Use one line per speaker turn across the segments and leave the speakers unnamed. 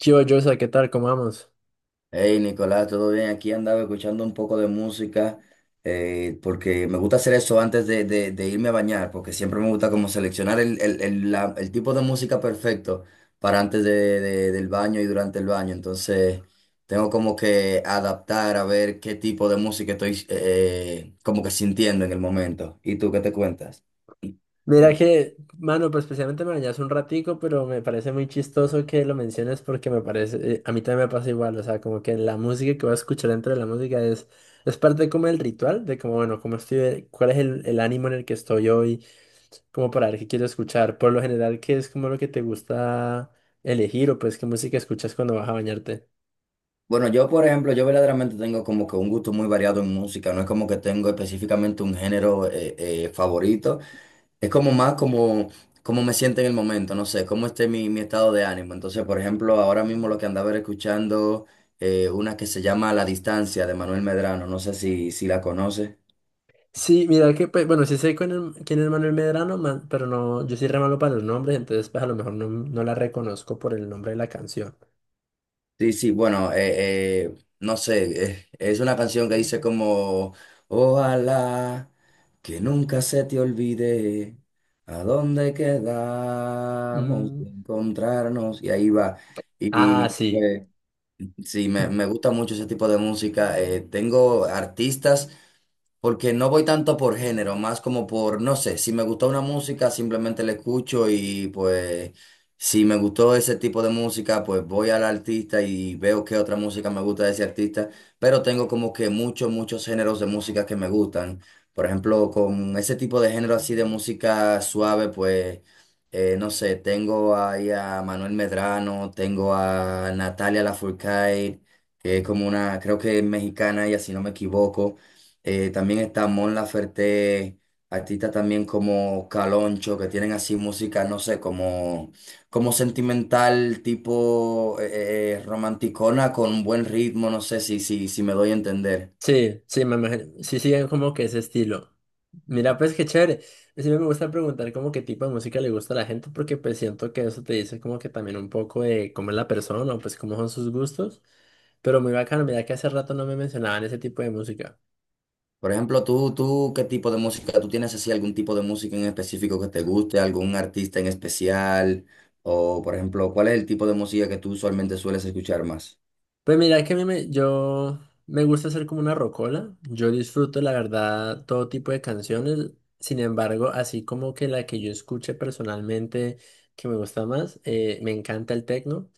Chivo Joshua, ¿qué tal? ¿Cómo vamos?
Hey Nicolás, ¿todo bien? Aquí andaba escuchando un poco de música porque me gusta hacer eso antes de irme a bañar, porque siempre me gusta como seleccionar el tipo de música perfecto para antes del baño y durante el baño. Entonces tengo como que adaptar a ver qué tipo de música estoy como que sintiendo en el momento. ¿Y tú qué te cuentas?
Mira que, mano, pues especialmente me dañas un ratico, pero me parece muy chistoso que lo menciones porque me parece, a mí también me pasa igual, o sea, como que la música que voy a escuchar dentro de la música es parte como del ritual, de como, bueno, cómo estoy, cuál es el ánimo en el que estoy hoy, como para ver qué quiero escuchar. Por lo general, ¿qué es como lo que te gusta elegir o pues qué música escuchas cuando vas a bañarte?
Bueno, yo por ejemplo, yo verdaderamente tengo como que un gusto muy variado en música, no es como que tengo específicamente un género favorito, es como más como, como me siento en el momento, no sé, cómo esté mi estado de ánimo. Entonces, por ejemplo, ahora mismo lo que andaba era escuchando una que se llama La Distancia de Manuel Medrano, no sé si la conoces.
Sí, mira que, pues, bueno, sí sé quién es Manuel Medrano, pero no, yo soy re malo para los nombres, entonces pues a lo mejor no, no la reconozco por el nombre de la canción.
Sí, sí, bueno, no sé, es una canción que dice como, ojalá que nunca se te olvide a dónde quedamos
Mm.
de encontrarnos, y ahí va.
Ah,
Y
sí.
sí, me gusta mucho ese tipo de música. Tengo artistas. Porque no voy tanto por género, más como por, no sé, si me gustó una música, simplemente la escucho y pues si me gustó ese tipo de música, pues voy al artista y veo qué otra música me gusta de ese artista, pero tengo como que muchos géneros de música que me gustan. Por ejemplo, con ese tipo de género así de música suave, pues, no sé, tengo ahí a Manuel Medrano, tengo a Natalia Lafourcade, que es como una, creo que es mexicana ella, si no me equivoco. También está Mon Laferte, artistas también como Caloncho, que tienen así música, no sé, como, como sentimental, tipo romanticona con buen ritmo, no sé si me doy a entender.
Sí, sí, me imagino. Sí, siguen como que ese estilo. Mira, pues qué chévere. Siempre me gusta preguntar como qué tipo de música le gusta a la gente, porque pues siento que eso te dice como que también un poco de cómo es la persona o pues cómo son sus gustos. Pero muy bacano, mira que hace rato no me mencionaban ese tipo de música.
Por ejemplo, tú, ¿qué tipo de música? ¿Tú tienes así algún tipo de música en específico que te guste, algún artista en especial? O, por ejemplo, ¿cuál es el tipo de música que tú usualmente sueles escuchar más?
Pues mira que a yo me gusta hacer como una rocola. Yo disfruto, la verdad, todo tipo de canciones. Sin embargo, así como que la que yo escuche personalmente que me gusta más, me encanta el tecno.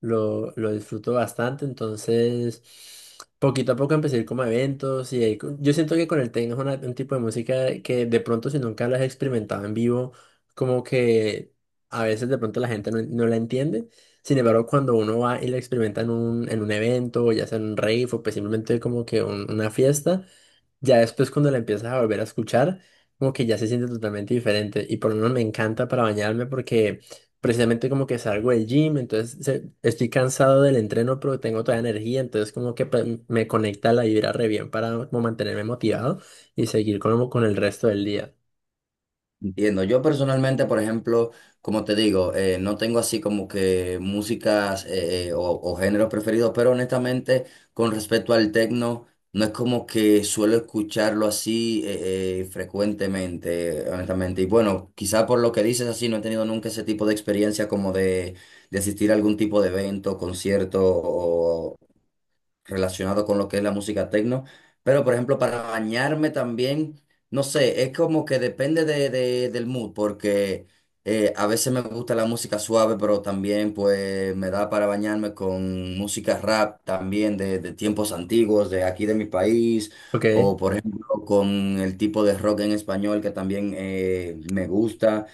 Lo disfruto bastante. Entonces, poquito a poco empecé a ir como a eventos. Y ahí yo siento que con el tecno es un tipo de música que de pronto, si nunca lo has experimentado en vivo, como que a veces de pronto la gente no la entiende. Sin embargo, cuando uno va y lo experimenta en en un evento, ya sea en un rave o pues simplemente como que una fiesta, ya después cuando la empiezas a volver a escuchar, como que ya se siente totalmente diferente. Y por lo menos me encanta para bañarme porque precisamente como que salgo del gym, entonces estoy cansado del entreno, pero tengo toda energía, entonces como que pues, me conecta la vibra re bien para como mantenerme motivado y seguir como con el resto del día.
Entiendo. Yo personalmente, por ejemplo, como te digo, no tengo así como que músicas o géneros preferidos, pero honestamente, con respecto al techno, no es como que suelo escucharlo así frecuentemente, honestamente. Y bueno, quizá por lo que dices así, no he tenido nunca ese tipo de experiencia como de asistir a algún tipo de evento, concierto relacionado con lo que es la música techno. Pero, por ejemplo, para bañarme también, no sé, es como que depende del mood, porque a veces me gusta la música suave, pero también pues me da para bañarme con música rap también de tiempos antiguos, de aquí de mi país,
Ok.
o por ejemplo con el tipo de rock en español que también me gusta.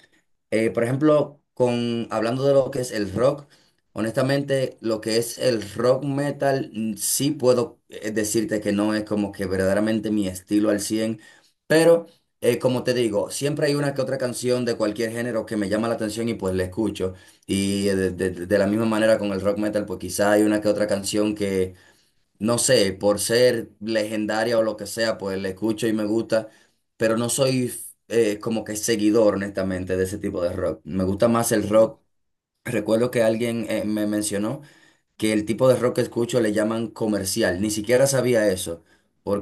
Por ejemplo, con, hablando de lo que es el rock, honestamente, lo que es el rock metal, sí puedo decirte que no es como que verdaderamente mi estilo al 100 pero como te digo, siempre hay una que otra canción de cualquier género que me llama la atención y pues la escucho. Y de, de la misma manera con el rock metal, pues quizá hay una que otra canción que no sé, por ser legendaria o lo que sea, pues la escucho y me gusta, pero no soy como que seguidor, honestamente, de ese tipo de rock. Me gusta más el rock. Recuerdo que alguien me mencionó que el tipo de rock que escucho le llaman comercial. Ni siquiera sabía eso,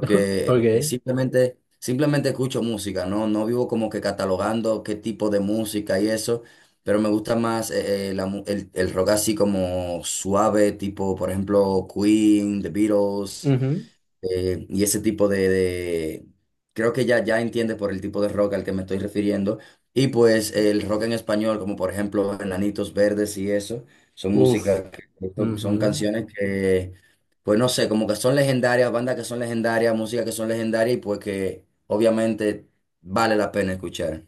Ok.
simplemente escucho música, ¿no? No vivo como que catalogando qué tipo de música y eso, pero me gusta más el rock así como suave, tipo, por ejemplo, Queen, The Beatles.
Ujú.
Y ese tipo de, creo que ya entiende por el tipo de rock al que me estoy refiriendo. Y pues el rock en español, como por ejemplo Enanitos Verdes y eso, son
Uf.
músicas, son, son
Ujú.
canciones que, pues no sé, como que son legendarias, bandas que son legendarias, música que son legendarias y pues que obviamente vale la pena escuchar.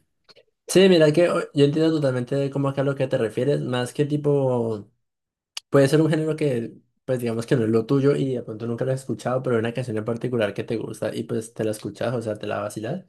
Sí, mira que yo entiendo totalmente como que a lo que te refieres, más que tipo, puede ser un género que, pues digamos que no es lo tuyo y de pronto nunca lo has escuchado, pero hay una canción en particular que te gusta y pues te la escuchas, o sea, te la vacilas.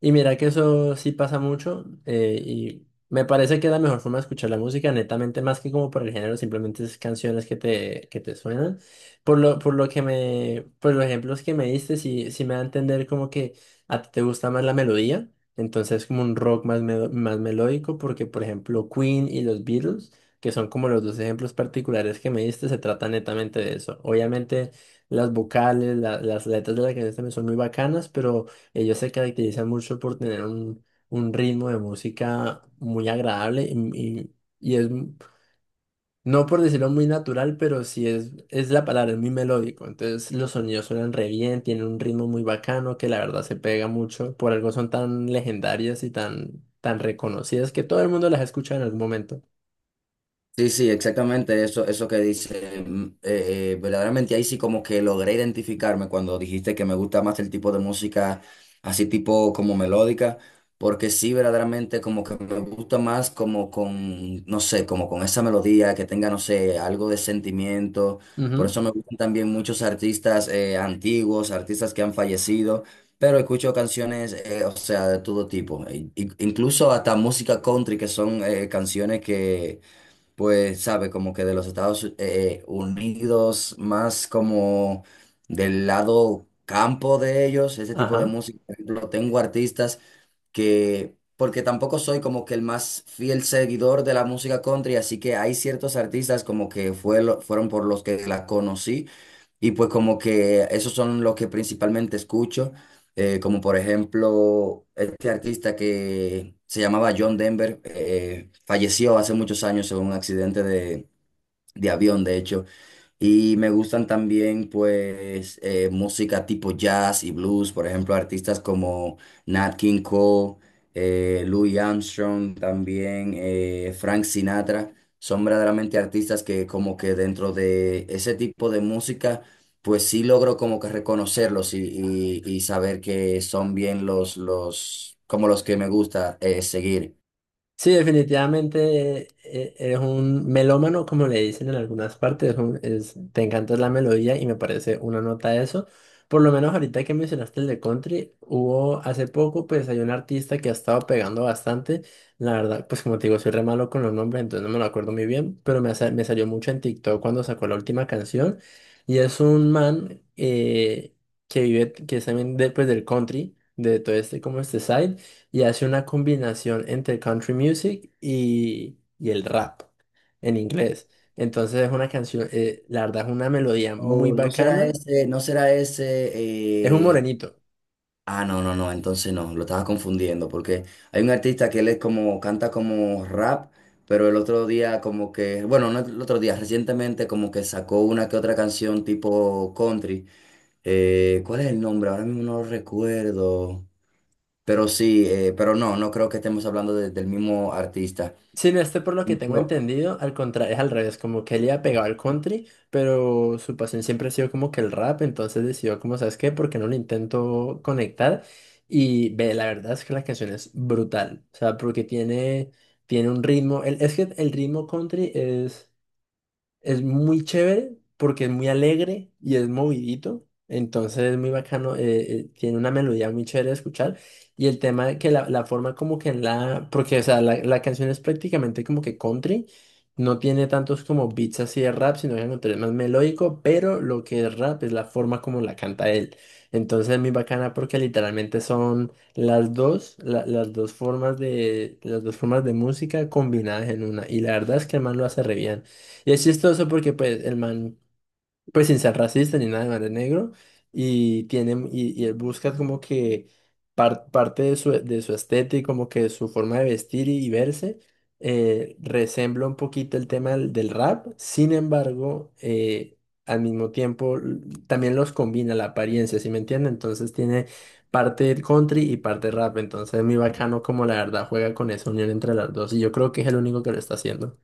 Y mira que eso sí pasa mucho, y me parece que la mejor forma de escuchar la música, netamente más que como por el género, simplemente es canciones que que te suenan. Por por lo que por los ejemplos que me diste, sí, sí me da a entender como que a ti te gusta más la melodía, entonces como un rock más, más melódico, porque por ejemplo Queen y los Beatles, que son como los dos ejemplos particulares que me diste, se trata netamente de eso. Obviamente las vocales, las letras de la canción también son muy bacanas, pero... Ellos se caracterizan mucho por tener un ritmo de música muy agradable y- y es, no por decirlo muy natural, pero sí es la palabra, es muy melódico. Entonces los sonidos suenan re bien, tienen un ritmo muy bacano que la verdad se pega mucho. Por algo son tan legendarias y tan, tan reconocidas que todo el mundo las escucha en algún momento.
Sí, sí, exactamente eso, eso que dice. Verdaderamente ahí sí como que logré identificarme cuando dijiste que me gusta más el tipo de música así tipo como melódica, porque sí verdaderamente como que me gusta más como con, no sé, como con esa melodía que tenga, no sé, algo de sentimiento. Por
Ujú.
eso me gustan también muchos artistas antiguos, artistas que han fallecido, pero escucho canciones, o sea, de todo tipo, incluso hasta música country, que son canciones que pues, sabe, como que de los Estados Unidos, más como del lado campo de ellos, ese tipo de
Ajá.
música. Por ejemplo, tengo artistas que, porque tampoco soy como que el más fiel seguidor de la música country, así que hay ciertos artistas como que fueron por los que la conocí. Y pues como que esos son los que principalmente escucho, como por ejemplo este artista que se llamaba John Denver, falleció hace muchos años en un accidente de avión, de hecho, y me gustan también, pues, música tipo jazz y blues, por ejemplo, artistas como Nat King Cole, Louis Armstrong, también Frank Sinatra. Son verdaderamente artistas que como que dentro de ese tipo de música, pues sí logro como que reconocerlos y, y saber que son bien los, como los que me gusta seguir.
Sí, definitivamente, eres un melómano, como le dicen en algunas partes. Te encanta la melodía y me parece una nota eso. Por lo menos ahorita que mencionaste el de country, hubo hace poco, pues hay un artista que ha estado pegando bastante. La verdad, pues como te digo, soy re malo con los nombres, entonces no me lo acuerdo muy bien, pero me salió mucho en TikTok cuando sacó la última canción. Y es un man que vive, que es también de, pues, del country, de todo este, como este side, y hace una combinación entre country music y el rap en inglés. Entonces es una canción, la verdad es una melodía muy
O no será
bacana.
ese, no será ese.
Es un morenito.
Ah, no, no, no, entonces no, lo estaba confundiendo, porque hay un artista que él es como, canta como rap, pero el otro día como que, bueno, no el otro día, recientemente como que sacó una que otra canción tipo country. ¿Cuál es el nombre? Ahora mismo no lo recuerdo. Pero sí, pero no, no creo que estemos hablando del mismo artista.
Sin este, por lo que tengo
Yo-
entendido, al contrario, es al revés, como que él iba pegado al country, pero su pasión siempre ha sido como que el rap, entonces decidió como, ¿sabes qué? ¿Por qué no lo intento conectar? Y ve, la verdad es que la canción es brutal, o sea, porque tiene, tiene un ritmo, es que el ritmo country es... Es muy chévere porque es muy alegre y es movidito. Entonces es muy bacano, tiene una melodía muy chévere de escuchar. Y el tema de que la forma como que en la... Porque, o sea, la canción es prácticamente como que country. No tiene tantos como beats así de rap, sino que al contrario, es más melódico. Pero lo que es rap es la forma como la canta él. Entonces es muy bacana porque literalmente son las dos, las dos formas de, las dos formas de música combinadas en una. Y la verdad es que el man lo hace re bien. Y es chistoso porque pues el man, pues sin ser racista ni nada, el man es negro y tiene, y él busca como que parte de su estética, como que su forma de vestir y verse, resembla un poquito el tema del, del rap, sin embargo, al mismo tiempo también los combina la apariencia, ¿sí me entiende? Entonces tiene parte country y parte rap, entonces es muy bacano como la verdad juega con esa unión entre las dos y yo creo que es el único que lo está haciendo.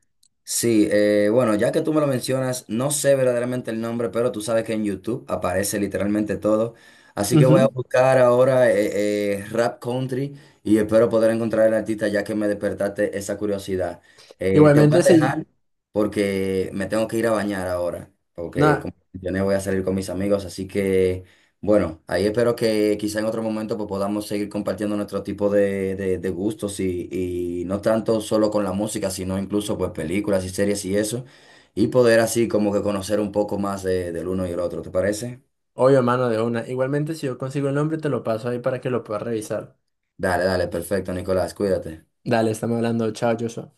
Sí, bueno, ya que tú me lo mencionas, no sé verdaderamente el nombre, pero tú sabes que en YouTube aparece literalmente todo. Así que voy a
Ujú.
buscar ahora Rap Country y espero poder encontrar el artista ya que me despertaste esa curiosidad. Te voy a
Igualmente, si,
dejar porque me tengo que ir a bañar ahora, porque como
Nada,
mencioné voy a salir con mis amigos, así que bueno, ahí espero que quizá en otro momento pues, podamos seguir compartiendo nuestro tipo de, de gustos y no tanto solo con la música, sino incluso pues películas y series y eso, y poder así como que conocer un poco más del uno y el otro, ¿te parece?
obvio, mano, de una. Igualmente, si yo consigo el nombre, te lo paso ahí para que lo puedas revisar.
Dale, dale, perfecto, Nicolás, cuídate.
Dale, estamos hablando. Chao, Joshua.